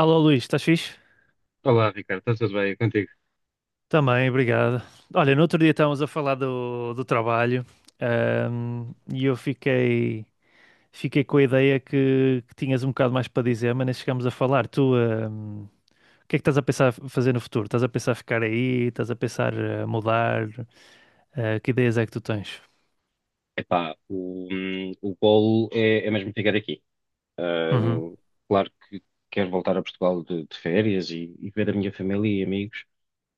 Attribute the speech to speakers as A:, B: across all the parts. A: Alô Luís, estás fixe?
B: Olá, Ricardo, está tudo bem contigo?
A: Também, obrigado. Olha, no outro dia estávamos a falar do trabalho, e eu fiquei, fiquei com a ideia que tinhas um bocado mais para dizer, mas nem chegámos a falar. Tu, o que é que estás a pensar fazer no futuro? Estás a pensar ficar aí? Estás a pensar mudar? Que ideias é que tu tens?
B: Epá, o golo é mesmo ficar aqui.
A: Uhum,
B: Hum, Claro que quero voltar a Portugal de férias e ver a minha família e amigos,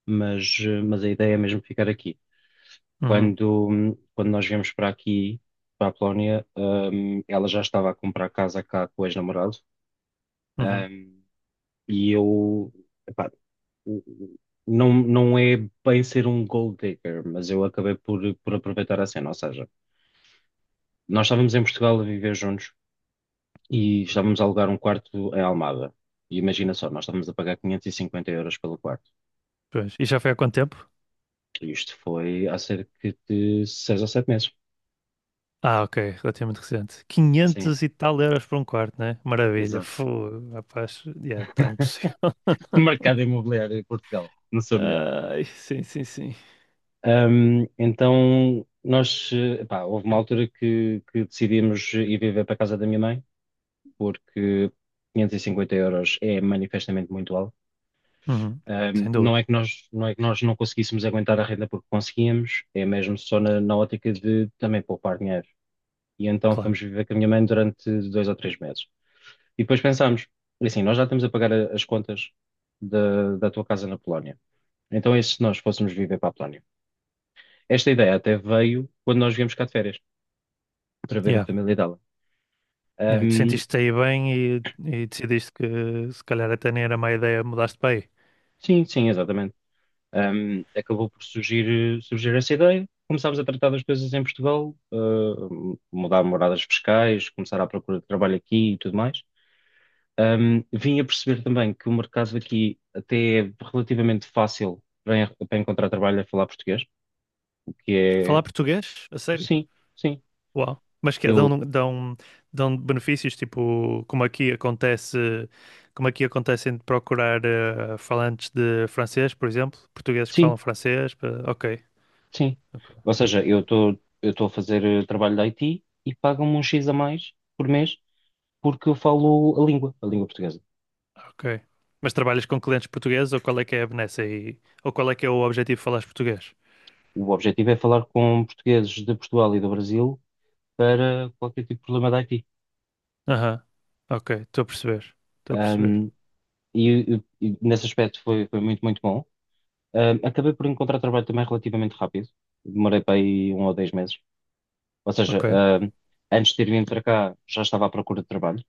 B: mas a ideia é mesmo ficar aqui.
A: uhum,
B: Quando nós viemos para aqui, para a Polónia, ela já estava a comprar casa cá com o ex-namorado.
A: uhum.
B: hum, e eu, epá, o- o- não, não é bem ser um gold digger, mas eu acabei por aproveitar a cena, ou seja. Nós estávamos em Portugal a viver juntos e estávamos a alugar um quarto em Almada. E imagina só, nós estávamos a pagar 550 euros pelo quarto.
A: Pois. E já foi há quanto tempo?
B: E isto foi há cerca de 6 ou 7 meses.
A: Ah, ok, relativamente recente.
B: Sim,
A: Quinhentos e tal euros por um quarto, né? Maravilha.
B: exato.
A: Fogo, rapaz, yeah, está impossível.
B: Mercado imobiliário em Portugal, não sou melhor.
A: Ai, sim, sim, sim.
B: Então, nós, pá, houve uma altura que decidimos ir viver para a casa da minha mãe, porque 550 euros é manifestamente muito alto.
A: Uhum. Sem dúvida,
B: Não é que nós não conseguíssemos aguentar a renda porque conseguíamos, é mesmo só na ótica de também poupar dinheiro. E então
A: claro.
B: fomos viver com a minha mãe durante 2 ou 3 meses. E depois pensámos, assim, nós já estamos a pagar as contas da tua casa na Polónia. Então é se nós fôssemos viver para a Polónia. Esta ideia até veio quando nós viemos cá de férias, para ver a
A: Yeah.
B: família dela.
A: Yeah. E tu
B: Um,
A: sentiste aí bem e decidiste que se calhar até nem era má ideia mudaste para aí.
B: sim, sim, exatamente. Acabou por surgir essa ideia. Começámos a tratar das coisas em Portugal, mudar moradas fiscais, começar à procura de trabalho aqui e tudo mais. Vim a perceber também que o mercado aqui até é relativamente fácil para, para encontrar trabalho a falar português, o que é.
A: Falar português? A sério?
B: Sim, sim,
A: Uau. Mas que é,
B: eu
A: dão, dão, dão benefícios, tipo, como aqui acontece de procurar falantes de francês, por exemplo, portugueses que
B: sim,
A: falam francês. Ok,
B: sim.
A: ok.
B: Ou seja, eu estou a fazer trabalho de IT e pagam-me um X a mais por mês porque eu falo a língua portuguesa.
A: Ok. Mas trabalhas com clientes portugueses ou qual é que é a benesse aí? Ou qual é que é o objetivo de falares português?
B: O objetivo é falar com portugueses de Portugal e do Brasil para qualquer tipo de problema da IT.
A: Aham. Ok, estou a perceber. Estou a perceber.
B: Um, e nesse aspecto foi muito, muito bom. Acabei por encontrar trabalho também relativamente rápido. Demorei para aí 1 ou 10 meses. Ou seja,
A: Ok,
B: um, antes de ter vindo para cá já estava à procura de trabalho,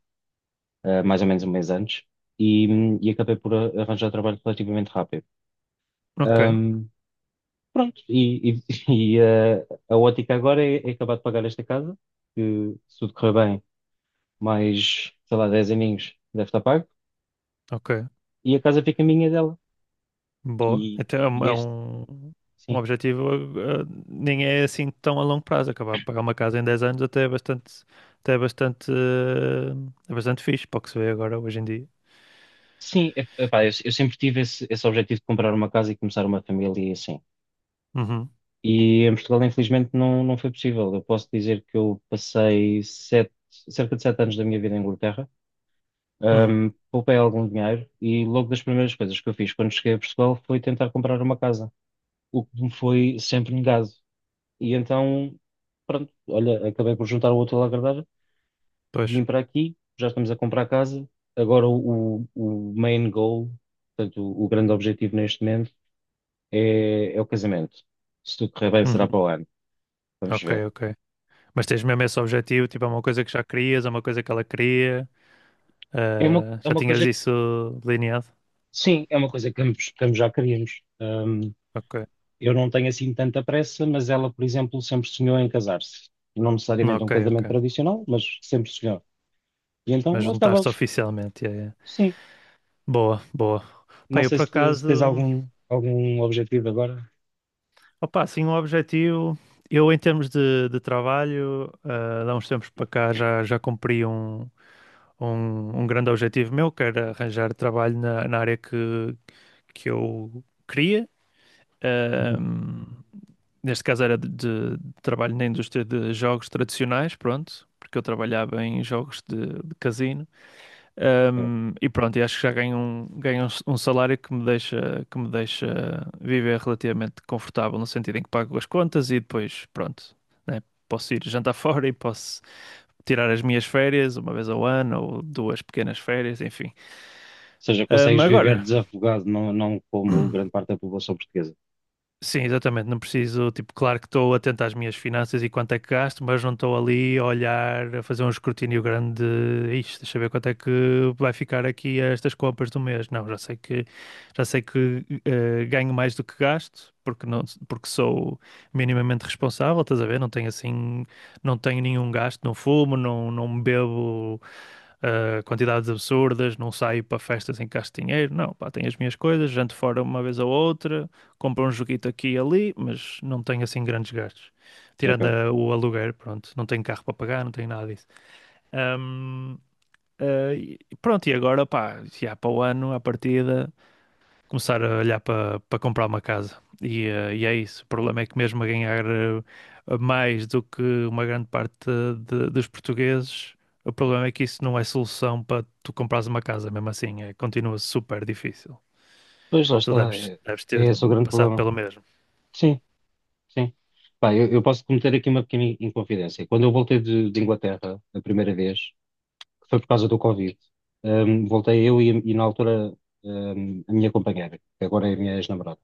B: mais ou menos um mês antes, e, e acabei por arranjar trabalho relativamente rápido.
A: ok,
B: Um, pronto, a ótica agora é acabar de pagar esta casa, que se tudo correr bem mais, sei lá, 10 aninhos, deve estar pago,
A: ok.
B: e a casa fica minha e dela.
A: Boa.
B: E,
A: Até é
B: e
A: é
B: este,
A: um um
B: sim.
A: objetivo, nem é assim tão a longo prazo. Acabar de pagar uma casa em 10 anos até é bastante, é bastante fixe para o que se vê agora, hoje em dia.
B: Sim, epá, eu sempre tive esse objetivo de comprar uma casa e começar uma família e assim.
A: Uhum,
B: E em Portugal, infelizmente, não, não foi possível. Eu posso dizer que eu passei 7, cerca de 7 anos da minha vida em Inglaterra.
A: uhum,
B: Poupei algum dinheiro e logo das primeiras coisas que eu fiz quando cheguei a Portugal foi tentar comprar uma casa, o que me foi sempre negado. E então, pronto, olha, acabei por juntar o útil ao agradável,
A: pois.
B: vim para aqui, já estamos a comprar casa. Agora o main goal, portanto, o grande objetivo neste momento é o casamento. Se tudo correr bem,
A: Uhum.
B: será para o ano. Vamos
A: Ok,
B: ver.
A: ok. Mas tens mesmo esse objetivo, tipo, é uma coisa que já querias, é uma coisa que ela queria,
B: É uma, é
A: já
B: uma
A: tinhas
B: coisa que,
A: isso delineado?
B: sim, é uma coisa que ambos já queríamos.
A: Ok,
B: Eu não tenho assim tanta pressa, mas ela, por exemplo, sempre sonhou em casar-se. Não necessariamente um
A: ok,
B: casamento
A: ok.
B: tradicional, mas sempre sonhou. E então eu.
A: Mas juntar-se oficialmente, yeah, yeah.
B: Sim.
A: Boa, boa. Pá,
B: Não
A: eu
B: sei
A: por
B: se tens
A: acaso,
B: algum objetivo agora.
A: opá, assim, um objetivo, eu em termos de trabalho, há uns tempos para cá já, já cumpri um grande objetivo meu, que era arranjar trabalho na área que eu queria.
B: Uhum.
A: Ahm, neste caso era de trabalho na indústria de jogos tradicionais, pronto, porque eu trabalhava em jogos de casino. Um, e pronto, e acho que já ganho um salário que que me deixa viver relativamente confortável, no sentido em que pago as contas e depois, pronto, né, posso ir jantar fora e posso tirar as minhas férias uma vez ao ano ou duas pequenas férias, enfim.
B: Seja,
A: Um,
B: consegues viver
A: agora.
B: desafogado, não, não como grande parte da população portuguesa.
A: Sim, exatamente. Não preciso, tipo, claro que estou atento às minhas finanças e quanto é que gasto, mas não estou ali a olhar, a fazer um escrutínio grande. Isto, deixa eu ver quanto é que vai ficar aqui estas compras do mês. Não, já sei que ganho mais do que gasto, porque não, porque sou minimamente responsável, estás a ver? Não tenho nenhum gasto, não fumo, não bebo quantidades absurdas, não saio para festas em que gasto dinheiro, não, pá, tenho as minhas coisas, janto fora uma vez ou outra, compro um joguito aqui e ali, mas não tenho assim grandes gastos. Tirando
B: Ok.
A: o aluguer, pronto, não tenho carro para pagar, não tenho nada disso. Ahm, pronto, e agora, pá, se há para o ano, à partida começar a olhar para comprar uma casa. E, e é isso. O problema é que mesmo a ganhar mais do que uma grande parte dos portugueses, o problema é que isso não é solução para tu comprares uma casa, mesmo assim. É, continua super difícil.
B: Pois lá
A: Tu
B: está, é,
A: deves
B: é
A: ter
B: esse o grande
A: passado
B: problema.
A: pelo mesmo.
B: Sim, sim. Pá, eu posso cometer aqui uma pequena inconfidência. Quando eu voltei de Inglaterra a primeira vez, que foi por causa do Covid, voltei eu e na altura, a minha companheira, que agora é a minha ex-namorada.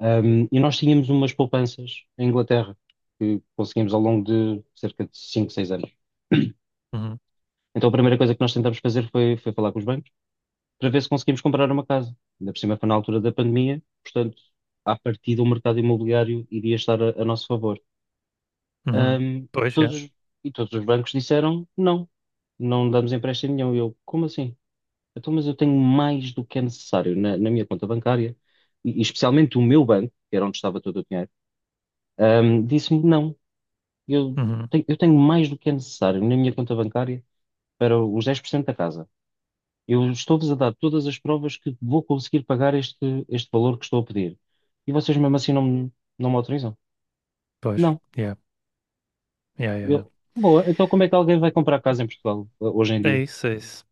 B: E nós tínhamos umas poupanças em Inglaterra que conseguimos ao longo de cerca de 5 6 anos.
A: Uhum,
B: Então a primeira coisa que nós tentámos fazer foi falar com os bancos para ver se conseguimos comprar uma casa. Ainda por cima foi na altura da pandemia, portanto, à partida o mercado imobiliário iria estar a nosso favor.
A: uhum.
B: Ahm,
A: Pois, é.
B: todos, os- e todos os bancos disseram não, não damos empréstimo nenhum. E eu, como assim? Então, mas eu tenho mais do que é necessário na minha conta bancária, e especialmente o meu banco, que era onde estava todo o dinheiro, disse-me não, eu
A: Uhum.
B: eu tenho mais do que é necessário na minha conta bancária para os 10% da casa. Eu estou-vos a dar todas as provas que vou conseguir pagar este valor que estou a pedir. E vocês mesmo assim não, não me autorizam?
A: Pois,
B: Não.
A: yeah. Yeah, yeah, yeah.
B: Eu, boa, então como é que alguém vai comprar casa em Portugal hoje em
A: É
B: dia?
A: isso, é isso.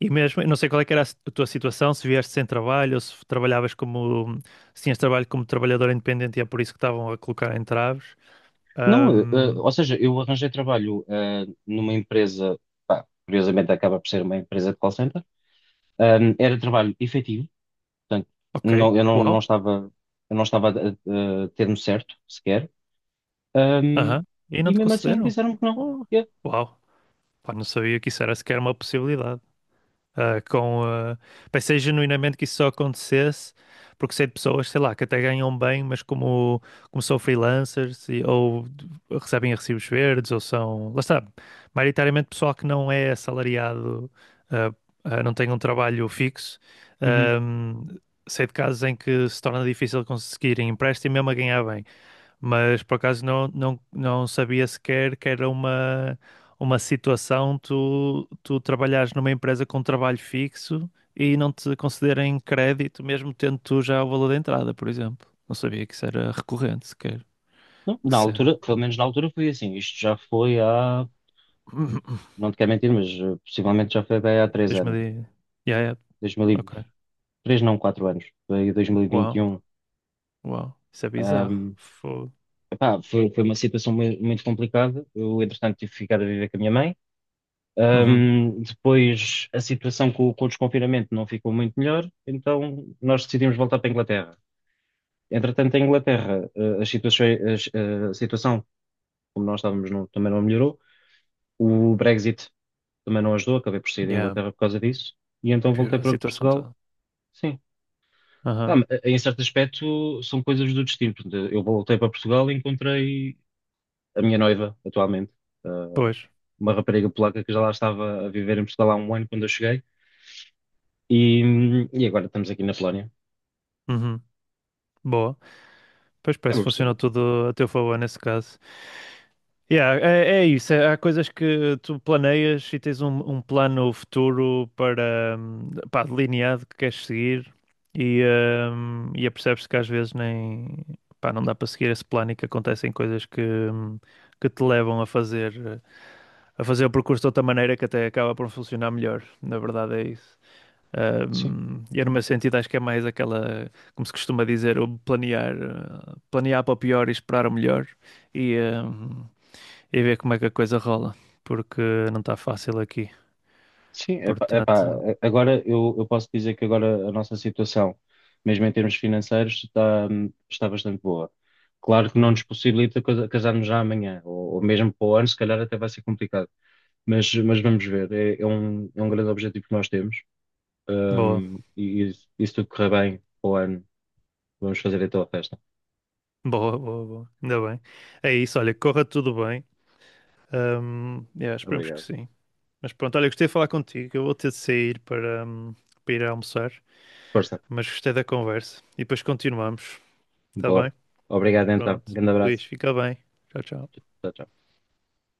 A: E mesmo, eu não sei qual é que era a tua situação, se vieste sem trabalho ou se trabalhavas como, se tinhas trabalho como trabalhador independente e é por isso que estavam a colocar entraves.
B: Não,
A: Ahm,
B: ou seja, eu arranjei trabalho numa empresa, pá, curiosamente acaba por ser uma empresa de call center. Era trabalho efetivo, portanto,
A: ok,
B: não, eu não, não
A: uau,
B: estava, eu não estava a ter-me certo sequer. Ahm,
A: aham, e não
B: e
A: te
B: mesmo assim
A: concederam?
B: disseram que não.
A: Oh,
B: Eu.
A: uau, pá, não sabia que isso era sequer uma possibilidade. Ah, com, ah, pensei genuinamente que isso só acontecesse porque sei de pessoas, sei lá, que até ganham bem, mas como, como são freelancers recebem recibos verdes ou são, lá está, maioritariamente pessoal que não é assalariado, ah, ah, não tem um trabalho fixo. Ahm, sei de casos em que se torna difícil conseguir empréstimo mesmo a ganhar bem. Mas por acaso não sabia sequer que era uma situação tu trabalhares numa empresa com trabalho fixo e não te concederem crédito, mesmo tendo tu já o valor da entrada, por exemplo. Não sabia que isso era recorrente sequer.
B: Não,
A: Que
B: na altura,
A: cena.
B: pelo menos na altura foi assim. Isto já foi há, não te quero mentir, mas possivelmente já foi bem há três
A: Deixa-me
B: anos.
A: de... Yeah, yeah. Ok.
B: 2003, não, 4 anos. Foi
A: Uau,
B: 2021.
A: uau. Isso é bizarro.
B: Ahm,
A: Fogo.
B: Epá, foi uma situação muito complicada. Eu, entretanto, tive que ficar a viver com a minha mãe.
A: Uhum.
B: Depois, a situação com o desconfinamento não ficou muito melhor, então nós decidimos voltar para a Inglaterra. Entretanto, em Inglaterra, as situações- as- eh, a situação, como nós estávamos, também não melhorou. O Brexit também não ajudou, acabei por sair da
A: Yeah.
B: Inglaterra por causa disso, e então
A: Pior
B: voltei
A: a
B: para
A: situação
B: Portugal.
A: toda.
B: Sim. Pá,
A: Aham.
B: em certo aspecto, são coisas do destino. Portanto, eu voltei para Portugal e encontrei a minha noiva, atualmente, eh,
A: Pois.
B: uma rapariga polaca que já lá estava a viver em Portugal há um ano quando eu cheguei, e agora estamos aqui na Polónia.
A: Uhum. Boa. Pois parece
B: Acaba
A: que
B: por ser
A: funcionou
B: bom.
A: tudo a teu favor nesse caso. Yeah, é, é isso, é- há coisas que tu planeias e tens um plano futuro para, pá, delineado que queres seguir e, e apercebes-te que às vezes nem, pá, não dá para seguir esse plano e que acontecem coisas que te levam a fazer o percurso de outra maneira que até acaba por funcionar melhor, na verdade é isso.
B: Sim.
A: E no meu sentido acho que é mais aquela, como se costuma dizer, o planear, planear para o pior e esperar o melhor. E, hum, e ver como é que a coisa rola, porque não está fácil aqui.
B: Sim, epá,
A: Portanto,
B: agora eu posso dizer que agora a nossa situação, mesmo em termos financeiros, está, está bastante boa. Claro que não nos
A: hum,
B: possibilita casarmos já amanhã, ou mesmo para o ano, se calhar até vai ser complicado. Mas vamos ver, é um grande objetivo que nós temos.
A: boa,
B: Hum, e, e se tudo correr bem para o ano, vamos fazer então a festa.
A: boa, boa, boa. Ainda bem. É isso, olha, corra tudo bem. Yeah, esperemos que
B: Obrigado.
A: sim. Mas pronto, olha, gostei de falar contigo. Eu vou ter de sair para, para ir almoçar,
B: Força,
A: mas gostei da conversa. E depois continuamos, está
B: bora.
A: bem?
B: Obrigado então.
A: Pronto.
B: Grande abraço.
A: Luís, fica bem. Tchau, tchau.
B: Tchau, tchau.